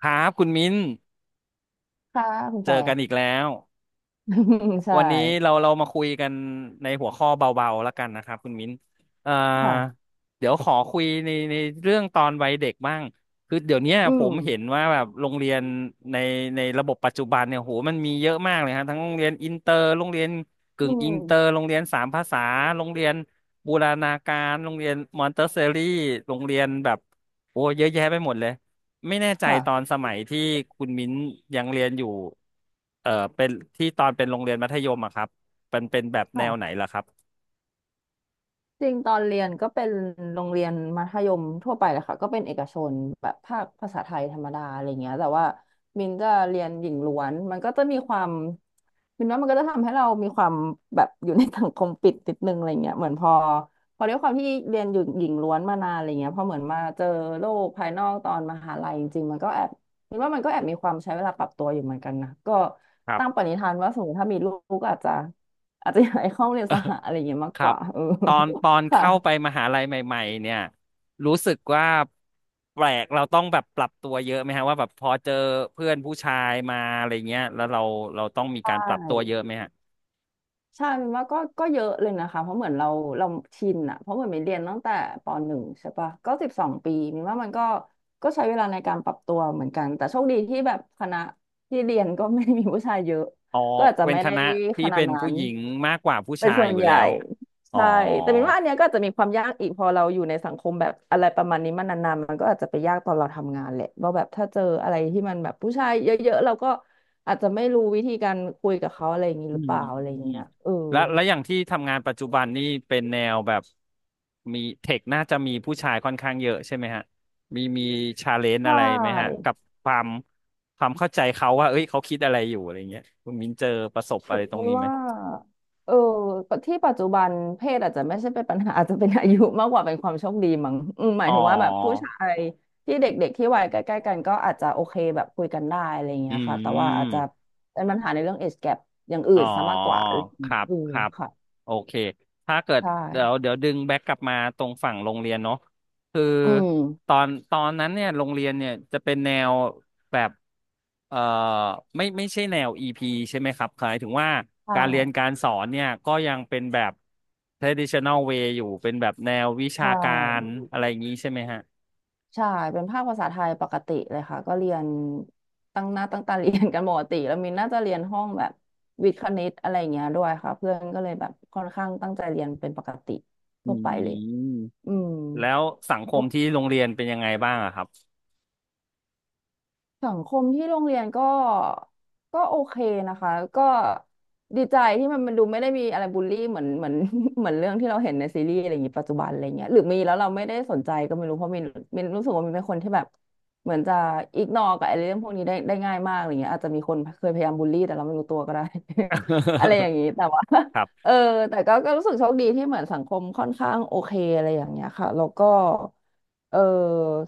ครับคุณมิ้นค่ะคุณเจแฟอร์ กันอีกแล้ว ใช่วันนี้เรามาคุยกันในหัวข้อเบาๆแล้วกันนะครับคุณมิ้นเอ่อค่ะเดี๋ยวขอคุยในเรื่องตอนวัยเด็กบ้างคือเดี๋ยวเนี้ยอืผมมเห็นว่าแบบโรงเรียนในในระบบปัจจุบันเนี่ยโหมันมีเยอะมากเลยฮะทั้งโรงเรียนอินเตอร์โรงเรียนอืกึ่งอินเตอร์มโรงเรียนสามภาษาโรงเรียนบูรณาการโรงเรียนมอนเตสซอรี่โรงเรียนแบบโอ้เยอะแยะไปหมดเลย ไม่แน่ใจค่ะตอนสมัยที่คุณมิ้นยังเรียนอยู่เป็นที่ตอนเป็นโรงเรียนมัธยมอะครับมันเป็นแบบแนวไหนค่ะ ล่ะครับ จริงตอนเรียนก็เป็นโรงเรียนมัธยมทั่วไปแหละค่ะก็เป็นเอกชนแบบภาคภาษาไทยธรรมดาอะไรเงี้ยแต่ว่ามินจะเรียนหญิงล้วนมันก็จะมีความมินว่ามันก็จะทำให้เรามีความแบบอยู่ในสังคมปิดนิดนึงอะไรเงี้ยเหมือนพอด้วยความที่เรียนอยู่หญิงล้วนมานานอะไรเงี้ยพอเหมือนมาเจอโลกภายนอกตอนมหาลัยจริงๆมันก็แอบมินว่ามันก็แอบมีความใช้เวลาปรับตัวอยู่เหมือนกันนะก็ครับ ตั้งปณิธานว่าสมมติถ้ามีลูกก็อาจจะอยากให้เข้าโรงเรียนสห อะไรเงี้ยมากครักบ ว่าเออ ตอนคเข้าไป่ะมหาลัยใหม่ๆเนี่ย รู้สึกว่าแปลกเราต้องแบบปรับตัวเยอะไหมฮะว่าแบบพอเจอเพื่อนผู้ชายมาอะไรเงี้ยแล้วเราต้องมีใชการปรับตัวเย่อะไหมฮะใช่มันว่าก็เยอะเลยนะคะเพราะเหมือนเราชินอะเพราะเหมือนมินเรียนตั้งแต่ปหนึ่งใช่ปะก็12 ปีมินว่ามันก็ใช้เวลาในการปรับตัวเหมือนกันแต่โชคดีที่แบบคณะที่เรียนก็ไม่ได้มีผู้ชายเยอะอ๋อก็อาจจะเป็นไม่คได้ณะขที่นาเป็ดนนั้ผู้น หญิงมากกว่าผู้เป็นชายส่วอนยู่ใหแล้ญ่วอ๋อ ใช่แต่มปนว่าอันเนี้ยก็อาจจะมีความยากอีกพอเราอยู่ในสังคมแบบอะไรประมาณนี้มานานๆมันก็อาจจะไปยากตอนเราทำงานแหละว่าแบบถ้าเจออะไรที่มันแบบผู้ชายเยอะๆเราก็อาจจะไม่รู้วิธีการคุยกับเขาอะไรอย่างนี้อืหรือมเปล่าอะไรออืย่างมเงี้ยเออแล้วแล้วอย่างที่ทำงานปัจจุบันนี่เป็นแนวแบบมีเทคน่าจะมีผู้ชายค่อนข้างเยอะใช่ไหมฮะมีชาเลนใชจ์อะไรไหมฮะกับ่ ความความเข้าใจเขาว่าเอ้ยเขาคิดอะไรอยู่อะไรเงี้ยคุณมินเจอประสบฉัอะไรนตรงนี้ไหมว่าเออที่ปัจจุบันเพศอาจจะไม่ใช่เป็นปัญหา อาจจะเป็นอายุมากกว่าเป็นความโชคดีมั้งอืมหมาอ๋ยอถึงว่าแบบผู้ชายที่เด็กๆที่วัยใกล้ๆกันก็อาจจะโอเคแบบคุยกันได้อะไรอย่างอืเงี้ยค่ะแต่ว่าอาจจะม เป็นปัญหาในเรื่อง age gap อย่างอื่อ๋อนซะมากกว่าอะไรอย่างคเงี้ยรับอืมครับค่ะโอเคถ้าเกิดใช่เดี๋ยวดึงแบ็กกลับมาตรงฝั่งโรงเรียนเนาะคืออืตมอนตอนนั้นเนี่ยโรงเรียนเนี่ยจะเป็นแนวแบบเอ่อไม่ใช่แนวอีพีใช่ไหมครับหมายถึงว่าใช่การเรียนการสอนเนี่ยก็ยังเป็นแบบ traditional way อยู่เป็นแบบแนววิชาใช่ การอะไรอย่างนี้ใช่ไหมฮะใช่เป็นภาคภาษาไทยปกติเลยค่ะก็เรียนตั้งหน้าตั้งตาเรียนกันปกติแล้ว มินน่าจะเรียนห้องแบบวิทย์คณิตอะไรอย่างเงี้ยด้วยค่ะเพื่อนก็เลยแบบค่อนข้างตั้งใจเรียนเป็นปกติอืทั่วไปเลยมอืม แล้วสังคมที่โรงเรียนเป็นยังไงบ้างอะครับ สังคมที่โรงเรียนก็โอเคนะคะก็ดีใจที่มันดูไม่ได้มีอะไรบูลลี่เหมือน เหมือนเรื่องที่เราเห็นในซีรีส์อะไรอย่างนี้ปัจจุบันอะไรเงี้ยหรือมีแล้วเราไม่ได้สนใจก็ไม่รู้เพราะมีมีรู้สึกว่ามีเป็นคนที่แบบเหมือนจะอิกนอกับไอ้เรื่องพวกนี้ได้ง่ายมากอะไรเงี้ยอาจจะมีคนเคยพยายามบูลลี่แต่เราไม่รู้ตัวก็ได้ อะไรอย่างนี้แต่ว่า ครัเอบ อแต่ก็รู้สึกโชคดีที่เหมือนสังคมค่อนข้างโอเคอะไรอย่างเงี้ยค่ะแล้วก็เออ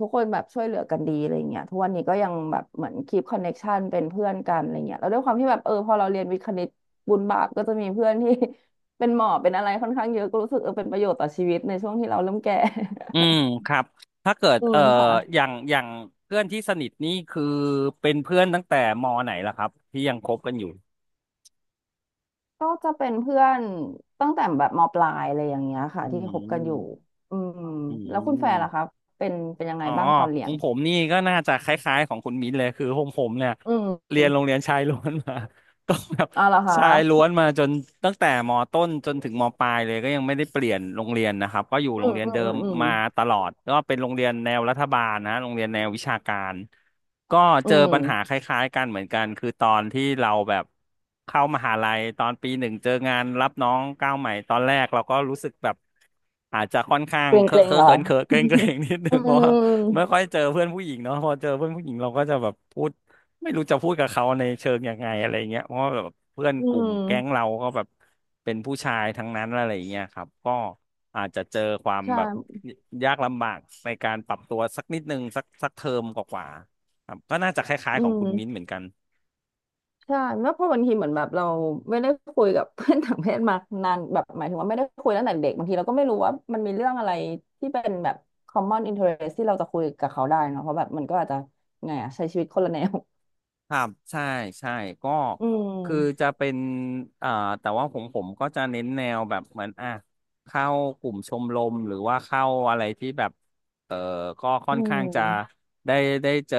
ทุกคนแบบช่วยเหลือกันดีอะไรเงี้ยทุกวันนี้ก็ยังแบบเหมือนคีปคอนเน็กชันเป็นเพื่อนกันอะไรเงี้ยแล้วด้วยความที่แบบพอเราเรียนวิทย์คณิตบุญบาปก็จะมีเพื่อนที่ เป็นหมอเป็นอะไรค่อนข้างเยอะก็รู้สึกเป็นประโยชน์ต่อชีวิตในช่วงที่เราเริ่มแก่ อืมครับถ้าเกิด อืมค่ะอย่างเพื่อนที่สนิทนี่คือเป็นเพื่อนตั้งแต่มอไหนล่ะครับที่ยังคบกันอยู่ก็จะเป็นเพื่อนตั้งแต่แบบมปลายอะไรอย่างเงี้ยค่ะอืที่คบกันอยู่มอืมอืแล้วคุณแฟนล่ะคะม เป็นเป็นยังไงอ๋อบ้างตอนเรีขยอนงผมนี่ก็น่าจะคล้ายๆของคุณมิ้นเลยคือผมเนี่ยอืม เรียนโรงเรียนชายล้วนมา ก็แบบอ๋อเหรอคชายล้วะนมาจนตั้งแต่มต้นจนถึงมปลายเลยก็ยังไม่ได้เปลี่ยนโรงเรียนนะครับก็อยู่อืโรงมเรียนอืม เดิอืมมอืมมาตลอดก็เป็นโรงเรียนแนวรัฐบาลนะโรงเรียนแนววิชาการก็อืเจอมปัญหาคล้ายๆกันเหมือนกันคือตอนที่เราแบบเข้ามหาลัยตอนปีหนึ่งเจองานรับน้องก้าวใหม่ตอนแรกเราก็รู้สึกแบบอาจจะค่อนข้างเกรงเคเกอะรเคงอะเหรอเขิคะนเขินเกรงเกรง นิดนึอืงเพราะว่า ไม่ค่อมยเจอเพื่อนผู้หญิงเนาะพอเจอเพื่อนผู้หญิงเราก็จะแบบพูดไม่รู้จะพูดกับเขาในเชิงยังไงอะไรเงี้ยเพราะว่าแบบเพื่อนอืกลุ่มแก๊งมเราก็แบบเป็นผู้ชายทั้งนั้นอะไรเงี้ยครับก็อาจจะเจอความใช่แบบยากลำบากในการปรับตัวสักนิดนึงสักเทอมกว่าๆครับก็น่าจะคล้ายอืๆของคุณมิ้นท์มเหมือนกัน ใช่แล้วเพราะบางทีเหมือนแบบเราไม่ได้คุยกับ เพื่อนต่างเพศมานานแบบหมายถึงว่าไม่ได้คุยตั้งแต่เด็กบางทีเราก็ไม่รู้ว่ามันมีเรื่องอะไรที่เป็นแบบ common interest ที่เราจะคุยกับเขาได้เนอะเพราะแบบมันก็อาจจะไงอะใช้ชีวิตคนละแนวครับใช่ใช่ก็อืคือมจะเป็นอ่าแต่ว่าผมก็จะเน้นแนวแบบเหมือนอ่ะเข้ากลุ่มชมรมหรือว่าเข้าอะไรที่แบบเออก็ค่อือนข้างจะมได้ได้เจอ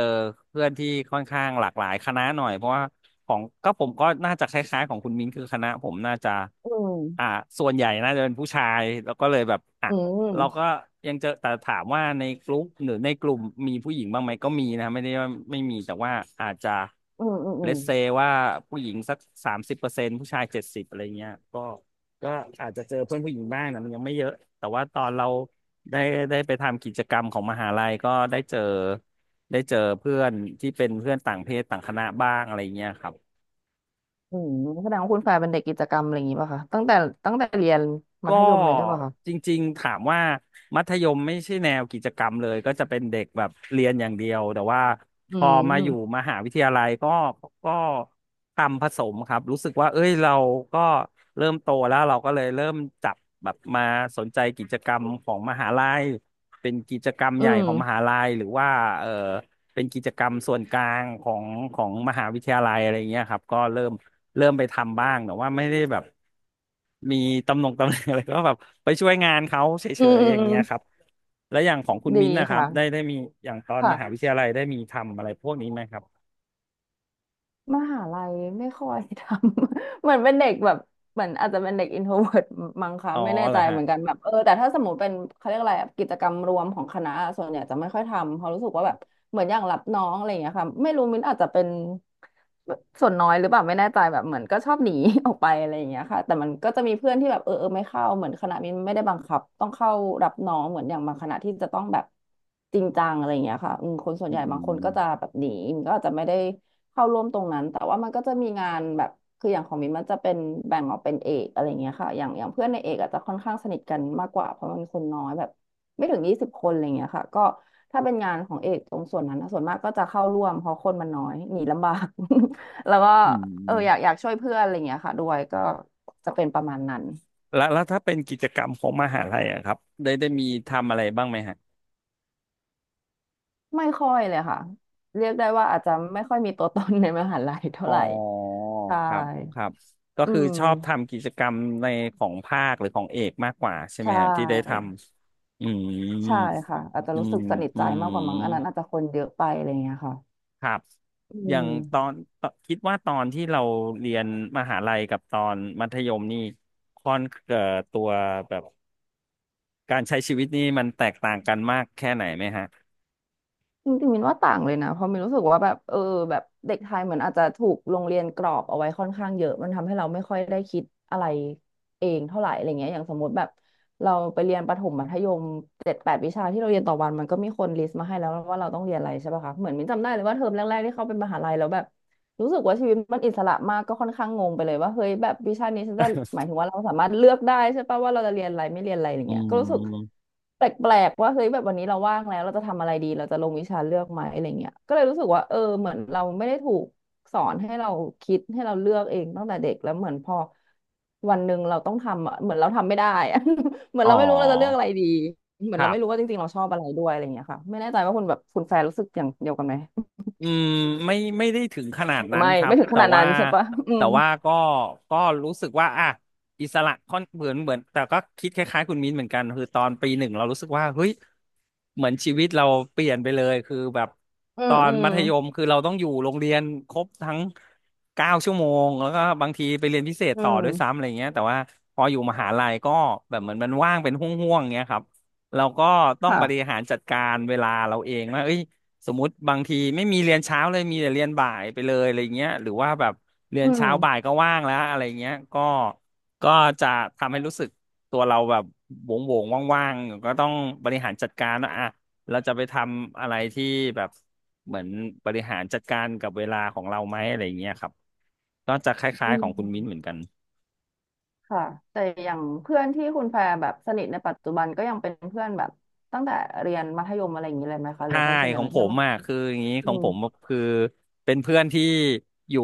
เพื่อนที่ค่อนข้างหลากหลายคณะหน่อยเพราะว่าของก็ผมก็น่าจะคล้ายๆของคุณมิ้นคือคณะผมน่าจะอืมอ่าส่วนใหญ่น่าจะเป็นผู้ชายแล้วก็เลยแบบอ่ะ อืเราก็มยังเจอแต่ถามว่าในกลุ่มหรือในกลุ่มมีผู้หญิงบ้างไหมก็มีนะไม่ได้ว่าไม่มีแต่ว่าอาจจะอืมอืมอืเลมสอืม เซว่าผู้หญิงสัก30%ผู้ชาย70อะไรเงี้ยก็ก็อาจจะเจอเพื่อนผู้หญิงบ้างนะมันยังไม่เยอะแต่ว่าตอนเราได้ได้ไปทำกิจกรรมของมหาลัยก็ได้เจอได้เจอเพื่อนที่เป็นเพื่อนต่างเพศต่างคณะบ้างอะไรเงี้ยครับ อืมแสดงว่าคุณฝ่ายเป็นเด็กกิจกรรมอะไรอย่างงี้ป่ะคะตั้งแต่เรียนมัก็ธยมเลยได้วยป่ะคะจริงๆถามว่ามัธยมไม่ใช่แนวกิจกรรมเลยก็จะเป็นเด็กแบบเรียนอย่างเดียวแต่ว่าอืพอมาอยู่มมหาวิทยาลัยก็ก็ทำผสมครับรู้สึกว่าเอ้ยเราก็เริ่มโตแล้วเราก็เลยเริ่มจับแบบมาสนใจกิจกรรมของมหาลัยเป็นกิจกรรมอืใหญ่มของมหาลัยหรือว่าเออ เป็นกิจกรรมส่วนกลางของมหาวิทยาลัยอะไรเงี้ยครับก็เริ่มไปทำบ้างแต่ว่าไม่ได้แบบมีตำแหน่งอะไรก็แบบไปช่วยงานเขาเฉอืมยอืๆมอย่างอืมเงี้ยครับแล้วอย่างของคุณดีมิ้นท์นะครับได้ค่ะได้มีอย่างตอนมหาวิทค่ะ ยาลัยได้มีทำอะไรพวกนี้ไหมครับมหาลัยไม่ค่อยทำ เหมือนเป็นเด็กแบบเหมือนอาจจะเป็นเด็กอินโทรเวิร์ตมั้งคะอ๋อไม่แน่เหรใจอฮะเหมือนกันแบบแต่ถ้าสมมติเป็นเขาเรียกอะไรอะกิจกรรมรวมของคณะะส่วนใหญ่จะไม่ค่อยทำเพราะรู้สึกว่าแบบเหมือนอย่างรับน้องอะไรอย่างเงี้ยค่ะไม่รู้มิ้นอาจจะเป็นส่วนน้อยหรือเปล่าไม่แน่ใจแบบเหมือนก็ชอบหนี ออกไปอะไรอย่างเงี้ยค่ะแต่มันก็จะมีเพื่อนที่แบบเออไม่เข้าเหมือนคณะมิ้นไม่ได้บังคับต้องเข้ารับน้องเหมือนอย่างบางคณะที่จะต้องแบบจริงจังอะไรอย่างเงี้ยค่ะอืมคนส่วนอืใหญ่บางคนก็มจะแบบหนีมันก็อาจจะไม่ได้ เข้าร่วมตรงนั้นแต่ว่ามันก็จะมีงานแบบคืออย่างของมินมันจะเป็นแบ่งออกเป็นเอกอะไรเงี้ยค่ะอย่างเพื่อนในเอกอาจจะค่อนข้างสนิทกันมากกว่าเพราะมันคนน้อยแบบไม่ถึง20คนอะไรเงี้ยค่ะก็ถ้าเป็นงานของเอกตรงส่วนนั้นนะส่วนมากก็จะเข้าร่วมเพราะคนมันน้อยหนีลำบาก แล้วก็อืเอออยากอมยากช่วยเพื่อนอะไรเงี้ยค่ะด้วยก็จะเป็นประมาณนั้นแล้วถ้าเป็นกิจกรรมของมหาลัยอะครับได้มีทำอะไรบ้างไหมฮะ ไม่ค่อยเลยค่ะเรียกได้ว่าอาจจะไม่ค่อยมีตัวตนในมหาลัยเท่าอ๋อไหร่ใช่ครับครับก็อืคือมชอบทำกิจกรรมในของภาคหรือของเอกมากกว่าใช่ไหมใช่ ฮะที่ได้ทำอืมใช่ค่ะอาจจะอืรู้มสึกสนิทอืใจมมากกว่ามั้งอันนั้นอาจจะคนเยอะไปอะไรอย่างเงี้ยค่ะครับอือย่างตอนมตอนคิดว่าตอนที่เราเรียนมหาลัยกับตอนมัธยมนี่ค่อนตัวแบบการใช้ชีวิตนี่มันแตกต่างกันมากแค่ไหนไหมฮะจริงๆมินว่าต่างเลยนะเพราะมินรู้สึกว่าแบบเออแบบเด็กไทยเหมือนอาจจะถูกโรงเรียนกรอบเอาไว้ค่อนข้างเยอะมันทำให้เราไม่ค่อยได้คิดอะไรเองเท่าไหร่อะไรเงี้ยอย่างสมมติแบบเราไปเรียนประถมมัธยม7-8วิชาที่เราเรียนต่อวันมันก็มีคนลิสต์มาให้แล้วว่าเราต้องเรียนอะไรใช่ป่ะคะเหมือนมินจำได้เลยว่าเทอมแรกๆที่เข้าเป็นมหาลัยแล้วแบบ รู้สึกว่าชีวิตมันอิสระมากก็ค่อนข้างงงไปเลยว่าเฮ้ยแบบวิชานี้ฉันจะหมายถึงว่าเราสามารถเลือกได้ใช่ปะว่าเราจะเรียนอะไรไม่เรียนอะไรอย่างอืเงี้ยก็รู้สึกมแปลกๆว่าเฮ้ยแบบวันนี้เราว่างแล้วเราจะทำอะไรดีเราจะลงวิชาเลือกไหมอะไรเงี้ยก็เลยรู้สึกว่าเออเหมือนเราไม่ได้ถูกสอนให้เราคิดให้เราเลือกเองตั้งแต่เด็กแล้วเหมือนพอวันหนึ่งเราต้องทำอะเหมือนเราทำไม่ได้อะ เหมือนอ๋อเราไม่รู้เราจะเลือกอะไรดีเหมือคนเรารัไม่รู้บ ว่าจริงๆเราชอบอะไรด้วยอะไรเงี้ยค่ะไม่แน่ใจว่าคุณแฟนรู้สึกอย่างเดียวกันไหมอืมไม่ได้ถึงขนาดนั้นไม่ครัไม่บถึงขแต่นาดนั้ว่านใช่ปะอืแต่ม ว่าก็รู้สึกว่าอ่ะอิสระค่อนเหมือนแต่ก็คิดคล้ายๆคุณมิ้นเหมือนกันคือตอนปีหนึ่งเรารู้สึกว่าเฮ้ยเหมือนชีวิตเราเปลี่ยนไปเลยคือแบบอืตอมนอืมมัธยมคือเราต้องอยู่โรงเรียนครบทั้งเก้าชั่วโมงแล้วก็บางทีไปเรียนพิเศษอืต่อมด้วยซ้ำอะไรเงี้ยแต่ว่าพออยู่มหาลัยก็แบบเหมือนมันว่างเป็นห่วงๆเงี้ยครับเราก็ต้องค่ะบริหารจัดการเวลาเราเองว่าเอ้ย สมมติบางทีไม่มีเรียนเช้าเลยมีแต่เรียนบ่ายไปเลยอะไรเงี้ยหรือว่าแบบเรียอืนมเช้าบ่ายก็ว่างแล้วอะไรเงี้ยก็จะทำให้รู้สึกตัวเราแบบโหวงโวงว่างๆก็ต้องบริหารจัดการว่าอ่ะเราจะไปทำอะไรที่แบบเหมือนบริหารจัดการกับเวลาของเราไหมอะไรเงี้ยครับก็จะคล้าอืยๆของคุณมิ้นมเหมือนกัน ค่ะแต่อย่างเพื่อนที่คุณแพรแบบสนิทในปัจจุบันก็ยังเป็นเพื่อนแบบตั้งแต่เรียนมัธยมอะไรอย่างนี้เลยไหมคะหรือใช่ว่าเป็นส่วนใหขญ่องเป็นผเพื่อนมมากอ่ะคืออย่างนี้ขอืองมผมคือเป็นเพื่อนที่อยู่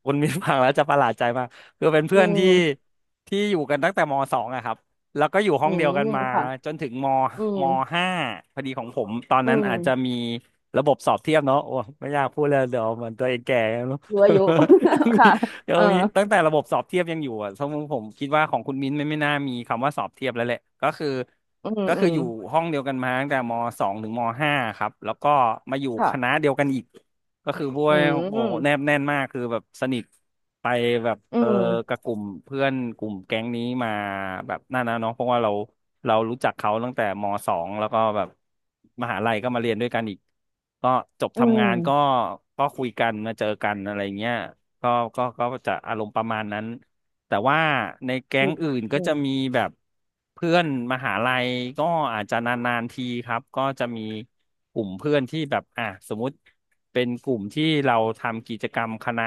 คุณมินฟังแล้วจะประหลาดใจมากคือเป็นอืเพื่อนที่มอยู่กันตั้งแต่มสองอะครับแล้วก็อยู่ห้ออืงเดียมวกันมาค่ะจนถึงมอืมมห้าพอดีของผมตอนอืนั้นมอาจจะมีระบบสอบเทียบเนาะโอ้ไม่อยากพูดเลยเดี๋ยวเหมือนตัวเองแก่แล้วเนอะ รู้อายุ ยัง มีค่ะเออตั้งแต่ระบบสอบเทียบยังอยู่อ่ะสมมติผมคิดว่าของคุณมิ้นไม่น่ามีคำว่าสอบเทียบแล้วแหละก็คือ อืมก็อืคือมอยู่ห้องเดียวกันมาตั้งแต่มสองถึงมห้าครับ แล้วก็มาอยู่คณะค่ะเดียวกันอีก ก็คือพวกอืมโอ้อืมแนบแน่นมากคือแบบสนิทไปแบบเออกับกลุ่มเพื่อนกลุ่มแก๊งนี้มาแบบนั่นนะเนาะเพราะว่าเรารู้จักเขาตั้งแต่มสองแล้วก็แบบมหาลัยก็มาเรียนด้วยกันอีกก็จบอืทำงานก็มก็คุยกันมาเจอกันอะไรเงี้ยก็ก็จะอารมณ์ประมาณนั้น แต่ว่าในแก๊ดีงอื่นก็อืจะมมีแบบเพื่อนมหาลัยก็อาจจะนานๆทีครับก็จะมีกลุ่มเพื่อนที่แบบอ่ะสมมุติเป็นกลุ่มที่เราทำกิจกรรมคณะ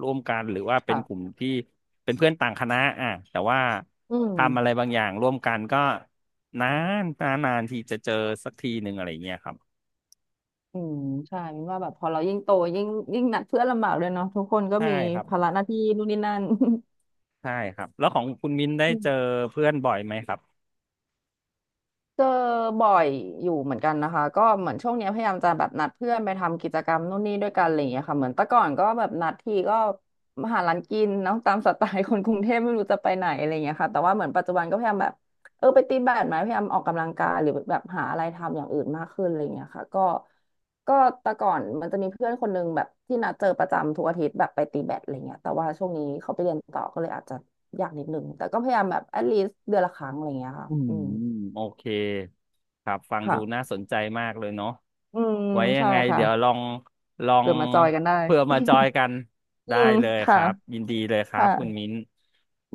ร่วมกันหรือว่าเป็นกลุ่ค่ะมที่เป็นเพื่อนต่างคณะอ่ะแต่ว่าอืม ทำอะไรบางอย่างร่วมกันก็นานนานนานทีจะเจอสักทีหนึ่งอะไรอย่างเงี้ยครับอืมใช่มินว่าแบบพอเรายิ่งโตยิ่งยิ่งหนักเพื่อนลำบากเลยเนาะทุกคนก็ใช่มีครับภาระหน้าที่นู่นนี่นั่น ใช่ครับแล้วของคุณมิ้นได้เจอเพื่อนบ่อยไหมครับ เจอบ่อยอยู่เหมือนกันนะคะก็เหมือนช่วงเนี้ยพยายามจะแบบนัดเพื่อนไปทำกิจกรรมนู่นนี่ด้วยกันอะไรอย่างเงี้ยค่ะเหมือนแต่ก่อนก็แบบนัดทีก็มาหาร้านกินเนาะตามสไตล์คนกรุงเทพไม่รู้จะไปไหนอะไรอย่างเงี้ยค่ะแต่ว่าเหมือนปัจจุบันก็พยายามแบบเออไปตีแบดไหมพยายามออกกำลังกายหรือแบบหาอะไรทำอย่างอื่นมากขึ้นอะไรอย่างเงี้ยค่ะก็ก็แต่ก่อนมันจะมีเพื่อนคนนึงแบบที่นัดเจอประจำทุกอาทิตย์แบบไปตีแบดอะไรเงี้ยแต่ว่าช่วงนี้เขาไปเรียนต่อก็เลยอาจจะยากนิดนึงแต่ก็พยายามแบบ at least เดือนละครั้งอะไรอย่างเงี้ยค่ะอืมอืมโอเคครับฟังดูน่าค่ะ สนใจมากเลยเนาะอืมไว้ยัใช่งไงค่ะเดี๋ยวลองลองเกิดมาจอยกันได้เพื่อมาจอยกันอืได้มเลยคค่ะรับยินดีเลยครับค่ะคุณมิ้น